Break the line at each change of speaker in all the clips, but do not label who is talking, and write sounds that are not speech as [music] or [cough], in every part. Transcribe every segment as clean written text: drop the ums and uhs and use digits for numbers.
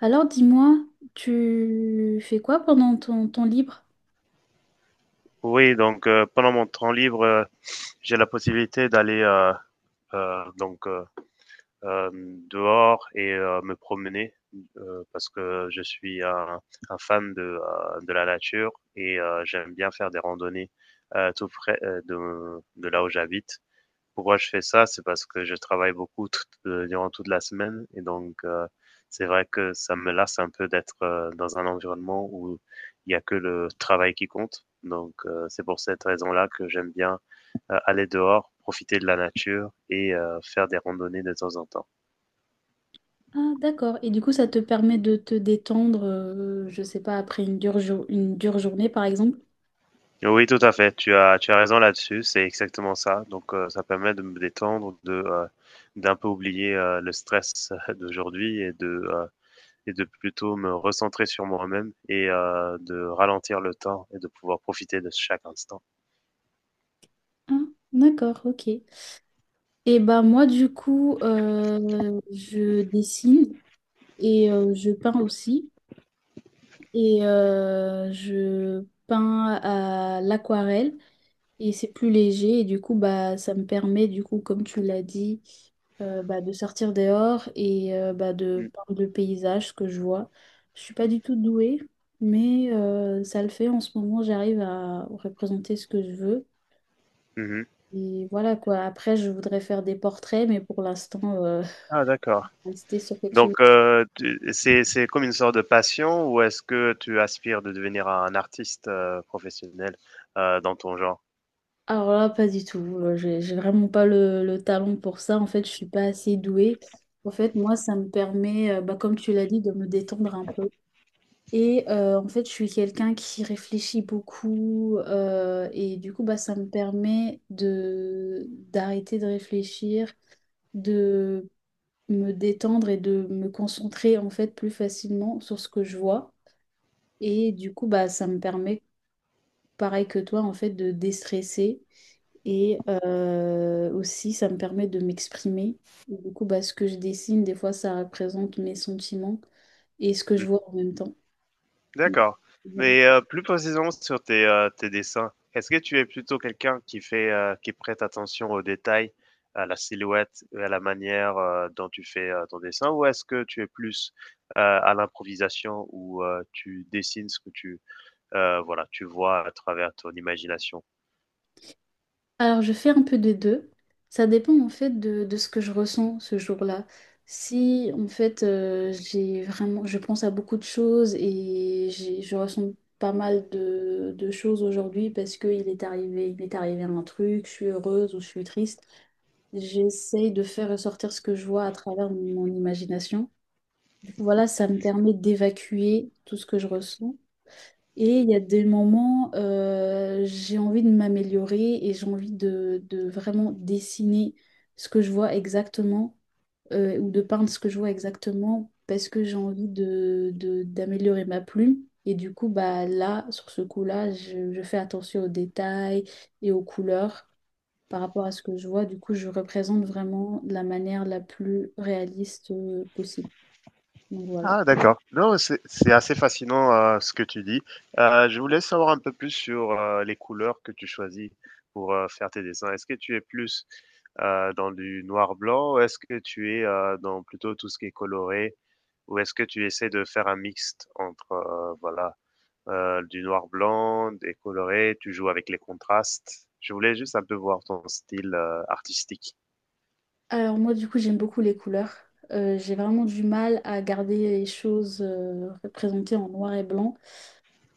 Alors dis-moi, tu fais quoi pendant ton temps libre?
Oui, pendant mon temps libre, j'ai la possibilité d'aller euh, donc euh, euh, dehors et me promener parce que je suis un fan de la nature et j'aime bien faire des randonnées tout près de là où j'habite. Pourquoi je fais ça? C'est parce que je travaille beaucoup durant toute la semaine et c'est vrai que ça me lasse un peu d'être dans un environnement où il n'y a que le travail qui compte. C'est pour cette raison-là que j'aime bien aller dehors, profiter de la nature et faire des randonnées de temps en temps.
Ah d'accord. Et du coup, ça te permet de te détendre, je sais pas, après une une dure journée par exemple?
Oui, tout à fait. Tu as raison là-dessus. C'est exactement ça. Ça permet de me détendre, d'un peu oublier le stress [laughs] d'aujourd'hui et de plutôt me recentrer sur moi-même et de ralentir le temps et de pouvoir profiter de chaque instant.
Ah d'accord, ok. Et bah moi du coup, je dessine et je peins aussi. Et je peins à l'aquarelle. Et c'est plus léger et du coup bah ça me permet du coup comme tu l'as dit bah, de sortir dehors et bah, de
Mm.
par le paysage ce que je vois. Je suis pas du tout douée mais ça le fait en ce moment j'arrive à représenter ce que je veux
Mhm.
et voilà quoi. Après je voudrais faire des portraits mais pour l'instant
Ah, d'accord.
[laughs] rester sur quelque chose.
C'est comme une sorte de passion ou est-ce que tu aspires de devenir un artiste professionnel dans ton genre?
Alors là pas du tout. J'ai vraiment pas le talent pour ça. En fait je suis pas assez douée. En fait moi ça me permet bah, comme tu l'as dit de me détendre un peu. Et en fait, je suis quelqu'un qui réfléchit beaucoup et du coup, bah, ça me permet de d'arrêter de réfléchir, de me détendre et de me concentrer en fait plus facilement sur ce que je vois. Et du coup, bah, ça me permet, pareil que toi, en fait, de déstresser et aussi, ça me permet de m'exprimer. Et du coup, bah, ce que je dessine, des fois, ça représente mes sentiments et ce que je vois en même temps. Mm.
D'accord.
Voilà.
Mais, plus précisément sur tes dessins, est-ce que tu es plutôt quelqu'un qui qui prête attention aux détails, à la silhouette et à la manière, dont tu fais, ton dessin? Ou est-ce que tu es plus, à l'improvisation où, tu dessines voilà, tu vois à travers ton imagination?
Alors, je fais un peu des deux. Ça dépend en fait de ce que je ressens ce jour-là. Si en fait j'ai vraiment, je pense à beaucoup de choses et je ressens pas mal de choses aujourd'hui parce qu'il est arrivé, il m'est arrivé un truc, je suis heureuse ou je suis triste. J'essaye de faire ressortir ce que je vois à travers mon imagination. Du coup, voilà, ça me permet d'évacuer tout ce que je ressens. Et il y a des moments, j'ai envie de m'améliorer et j'ai envie de vraiment dessiner ce que je vois exactement ou de peindre ce que je vois exactement parce que j'ai envie d'améliorer ma plume. Et du coup, bah, là, sur ce coup-là, je fais attention aux détails et aux couleurs par rapport à ce que je vois. Du coup, je représente vraiment de la manière la plus réaliste possible. Donc voilà.
Ah, d'accord. Non, c'est assez fascinant, ce que tu dis. Je voulais savoir un peu plus sur, les couleurs que tu choisis pour, faire tes dessins. Est-ce que tu es plus, dans du noir-blanc? Ou est-ce que tu es, dans plutôt tout ce qui est coloré? Ou est-ce que tu essaies de faire un mixte entre, voilà, du noir-blanc, des colorés, tu joues avec les contrastes? Je voulais juste un peu voir ton style, artistique.
Alors moi du coup j'aime beaucoup les couleurs. J'ai vraiment du mal à garder les choses représentées en noir et blanc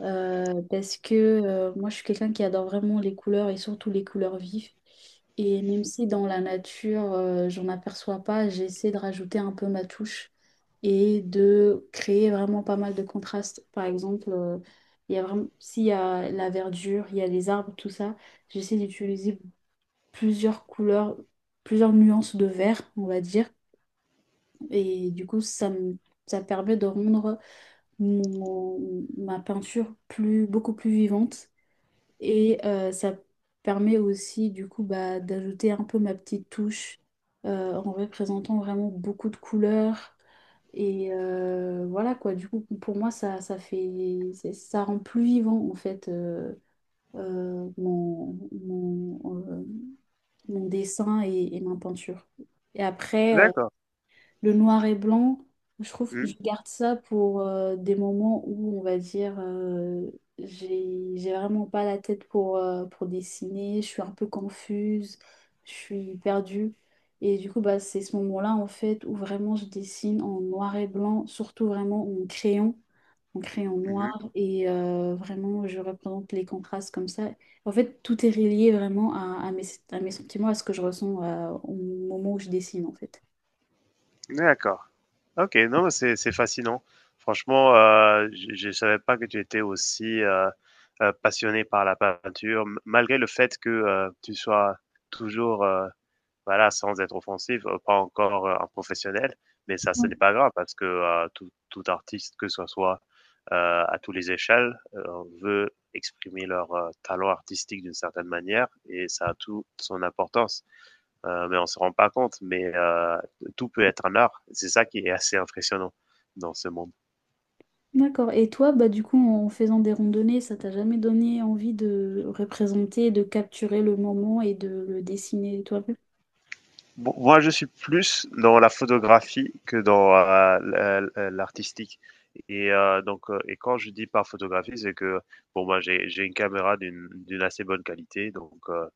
parce que moi je suis quelqu'un qui adore vraiment les couleurs et surtout les couleurs vives. Et même si dans la nature j'en aperçois pas, j'essaie de rajouter un peu ma touche et de créer vraiment pas mal de contrastes. Par exemple, il y a vraiment s'il y a la verdure, il y a les arbres, tout ça, j'essaie d'utiliser plusieurs couleurs, plusieurs nuances de vert, on va dire. Et du coup, ça permet de rendre ma peinture beaucoup plus vivante. Et ça permet aussi, du coup, bah, d'ajouter un peu ma petite touche en représentant vraiment beaucoup de couleurs. Et voilà quoi, du coup, pour moi, ça rend plus vivant, en fait, euh, mon, mon, euh, mon dessin et ma peinture. Et après,
D'accord.
le noir et blanc, je trouve que
Mmh.
je garde ça pour des moments où, on va dire, j'ai vraiment pas la tête pour dessiner, je suis un peu confuse, je suis perdue. Et du coup, bah, c'est ce moment-là, en fait, où vraiment je dessine en noir et blanc, surtout vraiment en crayon noir.
Mmh.
Et vraiment, je représente les contrastes comme ça. En fait, tout est relié vraiment à à mes sentiments, à ce que je ressens au moment où je dessine, en fait.
D'accord. OK, non, mais c'est fascinant. Franchement, je savais pas que tu étais aussi, passionnée par la peinture, m malgré le fait que, tu sois toujours, voilà, sans être offensif, pas encore, un professionnel, mais ça, ce n'est pas grave parce que, tout artiste, que ce soit, à tous les échelles, veut exprimer leur, talent artistique d'une certaine manière et ça a toute son importance mais on se rend pas compte. Mais tout peut être un art. C'est ça qui est assez impressionnant dans ce monde.
D'accord. Et toi, bah, du coup, en faisant des randonnées, ça t'a jamais donné envie de représenter, de capturer le moment et de le dessiner toi-même?
Bon, moi, je suis plus dans la photographie que dans l'artistique. Et et quand je dis par photographie, c'est que bon, moi, j'ai une caméra d'une assez bonne qualité,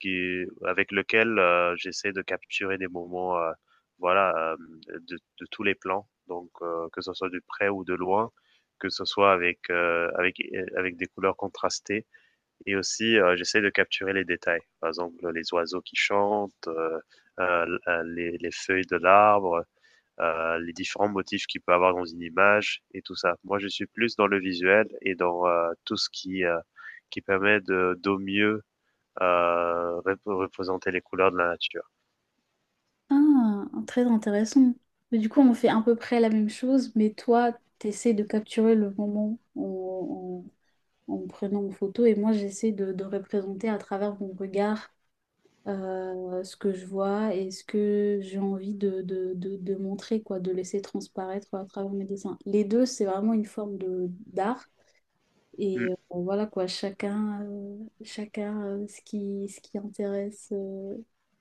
qui avec lequel j'essaie de capturer des moments, voilà, de tous les plans. Que ce soit de près ou de loin, que ce soit avec des couleurs contrastées. Et aussi, j'essaie de capturer les détails. Par exemple, les oiseaux qui chantent, les feuilles de l'arbre, les différents motifs qu'il peut avoir dans une image et tout ça. Moi, je suis plus dans le visuel et dans tout ce qui permet de, d'au mieux représenter les couleurs de la nature.
Ah, très intéressant. Mais du coup, on fait à peu près la même chose, mais toi, t'essaies de capturer le moment en me prenant en photo et moi, j'essaie de représenter à travers mon regard ce que je vois et ce que j'ai envie de montrer, quoi, de laisser transparaître à travers mes dessins. Les deux, c'est vraiment une forme de d'art.
Mm.
Et bon, voilà quoi, chacun ce qui intéresse, euh,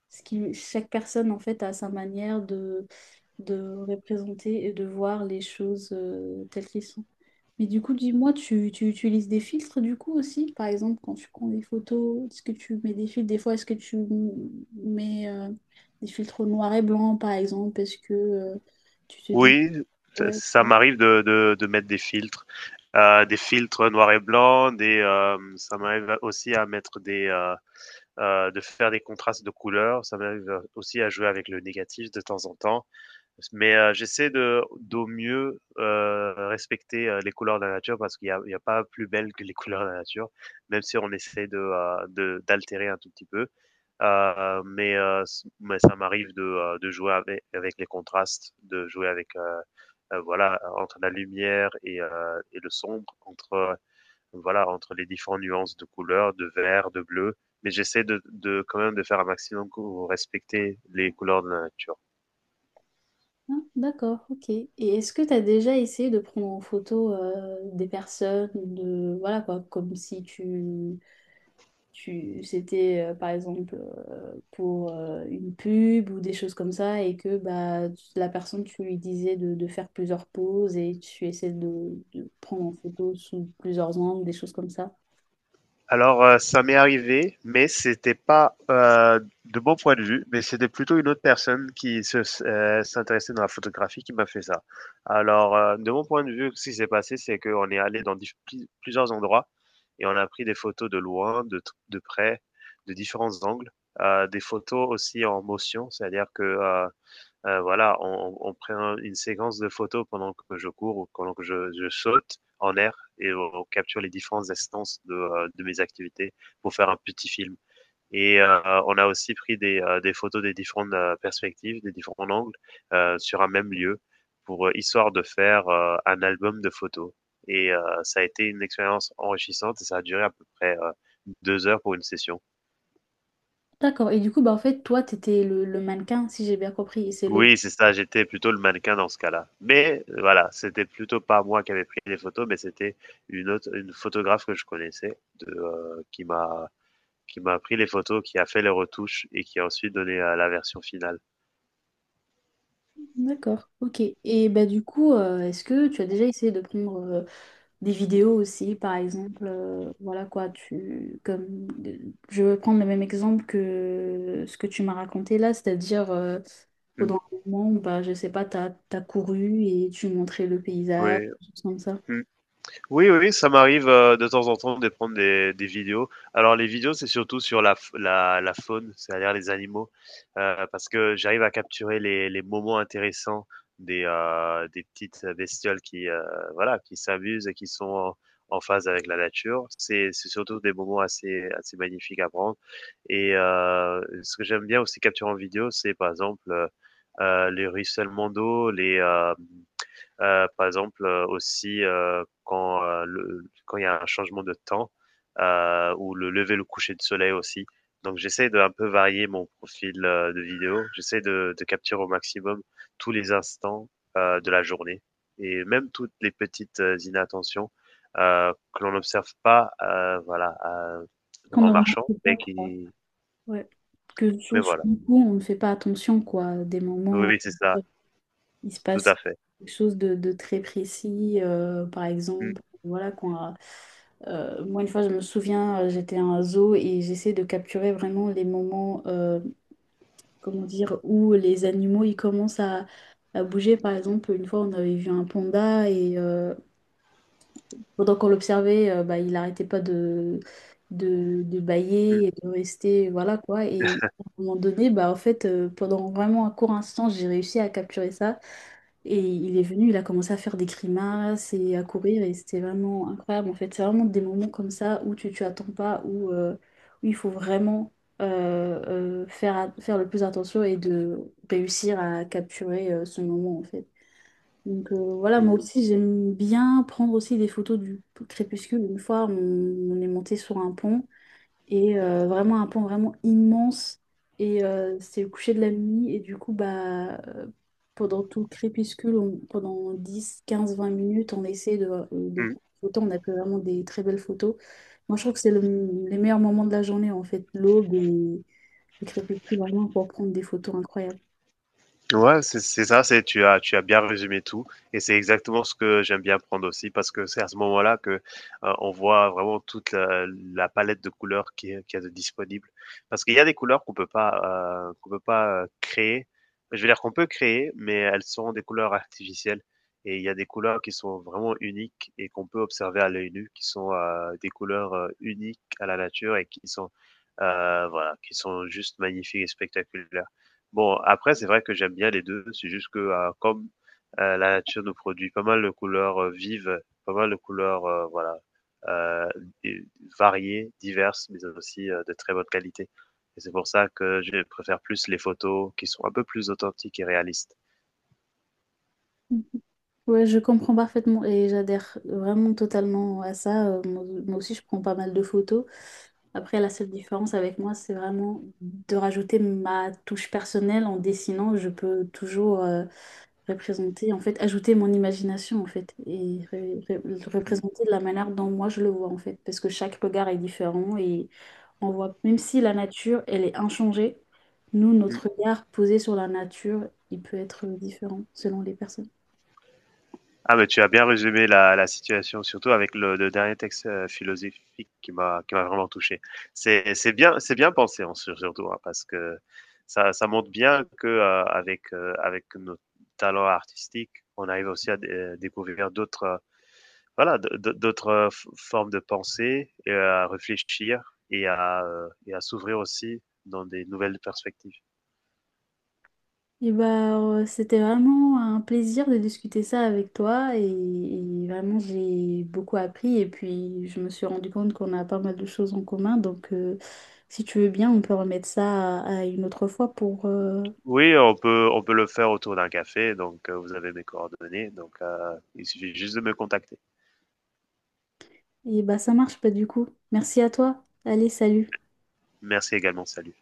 ce qui, chaque personne en fait a sa manière de représenter et de voir les choses telles qu'elles sont. Mais du coup, dis-moi, tu utilises des filtres du coup aussi? Par exemple, quand tu prends des photos, est-ce que tu mets des filtres? Des fois, est-ce que tu mets des filtres noir et blanc, par exemple? Parce que tu te dis,
Oui, ça,
ouais.
ça
Bon,
m'arrive de mettre des filtres noir et blanc, ça m'arrive aussi à mettre de faire des contrastes de couleurs. Ça m'arrive aussi à jouer avec le négatif de temps en temps. Mais j'essaie de d'au mieux respecter les couleurs de la nature parce il y a pas plus belle que les [laughs] couleurs de la nature, même si on essaie d'altérer un tout petit peu. Mais ça m'arrive de jouer avec, avec les contrastes, de jouer avec voilà entre la lumière et le sombre, entre voilà, entre les différentes nuances de couleurs, de vert, de bleu. Mais j'essaie de quand même de faire un maximum pour respecter les couleurs de la nature.
ah, d'accord, ok. Et est-ce que tu as déjà essayé de prendre en photo des personnes, de voilà quoi, comme si tu, tu c'était par exemple pour une pub ou des choses comme ça et que bah la personne tu lui disais de faire plusieurs poses et tu essaies de prendre en photo sous plusieurs angles, des choses comme ça.
Alors, ça m'est arrivé, mais c'était pas de mon point de vue, mais c'était plutôt une autre personne qui s'intéressait dans la photographie qui m'a fait ça. Alors, de mon point de vue, ce qui s'est passé, c'est qu'on est allé dans plusieurs endroits et on a pris des photos de loin, de près, de différents angles, des photos aussi en motion, c'est-à-dire que voilà, on prend une séquence de photos pendant que je cours ou pendant que je saute en air et on capture les différentes instances de mes activités pour faire un petit film. Et on a aussi pris des photos des différentes perspectives, des différents angles sur un même lieu pour histoire de faire un album de photos. Et ça a été une expérience enrichissante et ça a duré à peu près deux heures pour une session.
D'accord. Et du coup bah en fait toi t'étais le mannequin si j'ai bien compris et c'est l'autre.
Oui, c'est ça, j'étais plutôt le mannequin dans ce cas-là. Mais voilà, c'était plutôt pas moi qui avait pris les photos, mais c'était une photographe que je connaissais de, qui m'a pris les photos, qui a fait les retouches et qui a ensuite donné, la version finale.
D'accord, ok. Et bah du coup est-ce que tu as déjà essayé de prendre des vidéos aussi, par exemple, voilà quoi, tu, comme, je vais prendre le même exemple que ce que tu m'as raconté là, c'est-à-dire pendant
Mmh.
un moment, bah, je sais pas, t'as couru et tu montrais le paysage,
Oui.
des choses comme ça.
Mmh. Oui, oui, ça m'arrive de temps en temps de prendre des vidéos. Alors les vidéos, c'est surtout sur la faune, c'est-à-dire les animaux, parce que j'arrive à capturer les moments intéressants des petites bestioles qui, voilà, qui s'amusent et qui sont en, en phase avec la nature. C'est surtout des moments assez magnifiques à prendre. Et ce que j'aime bien aussi capturer en vidéo, c'est par exemple les ruissellements d'eau, par exemple, aussi quand il y a un changement de temps ou le lever, le coucher de soleil aussi. Donc j'essaie de un peu varier mon profil de vidéo. J'essaie de capturer au maximum tous les instants de la journée et même toutes les petites inattentions que l'on n'observe pas,
Qu'on ne
en
remarque
marchant,
pas,
mais
quoi.
qui,
Ouais. Que
mais
sur
voilà.
le coup, on ne fait pas attention, quoi, des
Oui,
moments.
oui, c'est ça,
Il se
tout
passe
à fait.
quelque chose de très précis. Par
Mm,
exemple, voilà, moi, une fois, je me souviens, j'étais à un zoo et j'essaie de capturer vraiment les moments, comment dire, où les animaux, ils commencent à bouger. Par exemple, une fois, on avait vu un panda et pendant qu'on l'observait, bah, il n'arrêtait pas de
mm,
bâiller et de rester, voilà quoi. Et à un moment donné, bah, en fait, pendant vraiment un court instant, j'ai réussi à capturer ça. Et il est venu, il a commencé à faire des grimaces et à courir et c'était vraiment incroyable en fait. C'est vraiment des moments comme ça où tu attends pas, où, où il faut vraiment faire le plus attention et de réussir à capturer ce moment en fait. Donc voilà, moi
mm,
aussi j'aime bien prendre aussi des photos du crépuscule. Une fois on est monté sur un pont et vraiment un pan vraiment immense et c'est le coucher de la nuit et du coup bah pendant tout le crépuscule pendant 10 15 20 minutes on essaie de
mm.
prendre des photos on a pris vraiment des très belles photos. Moi je trouve que c'est les meilleurs moments de la journée en fait l'aube et le crépuscule vraiment pour prendre des photos incroyables.
Ouais, c'est ça, c'est tu as bien résumé tout et c'est exactement ce que j'aime bien prendre aussi parce que c'est à ce moment-là que, on voit vraiment toute la la palette de couleurs qui est disponible. Parce qu'il y a des couleurs qu'on peut pas, créer. Je veux dire qu'on peut créer, mais elles sont des couleurs artificielles et il y a des couleurs qui sont vraiment uniques et qu'on peut observer à l'œil nu, qui sont, des couleurs, uniques à la nature et qui sont, voilà, qui sont juste magnifiques et spectaculaires. Bon, après, c'est vrai que j'aime bien les 2. C'est juste que, comme, la nature nous produit pas mal de couleurs, vives, pas mal de couleurs, voilà, heu, d variées, diverses, mais aussi, de très bonne qualité et c'est pour ça que je préfère plus les photos qui sont un peu plus authentiques et réalistes.
Mm. Ouais, je comprends parfaitement et j'adhère vraiment totalement à ça. Moi, moi aussi, je prends pas mal de photos. Après, la seule différence avec moi, c'est vraiment de rajouter ma touche personnelle en dessinant. Je peux toujours représenter, en fait, ajouter mon imagination, en fait, et le
Mmh.
représenter de la manière dont moi je le vois, en fait, parce que chaque regard est différent et on voit, même si la nature, elle est inchangée, nous, notre regard posé sur la nature, il peut être différent selon les personnes.
Ah, mais tu as bien résumé la situation, surtout avec le dernier texte philosophique qui m'a vraiment touché. C'est bien pensé en surtout hein, parce que ça montre bien que avec nos talents artistiques, on arrive aussi à découvrir d'autres voilà d'autres formes de pensée et à réfléchir et à s'ouvrir aussi dans des nouvelles perspectives.
Et bah, c'était vraiment un plaisir de discuter ça avec toi et vraiment j'ai beaucoup appris et puis je me suis rendu compte qu'on a pas mal de choses en commun donc si tu veux bien on peut remettre ça à une autre fois pour
Oui, on peut le faire autour d'un café, donc, vous avez mes coordonnées, donc, il suffit juste de me contacter.
et bah ça marche pas du coup. Merci à toi. Allez, salut.
Merci également, salut.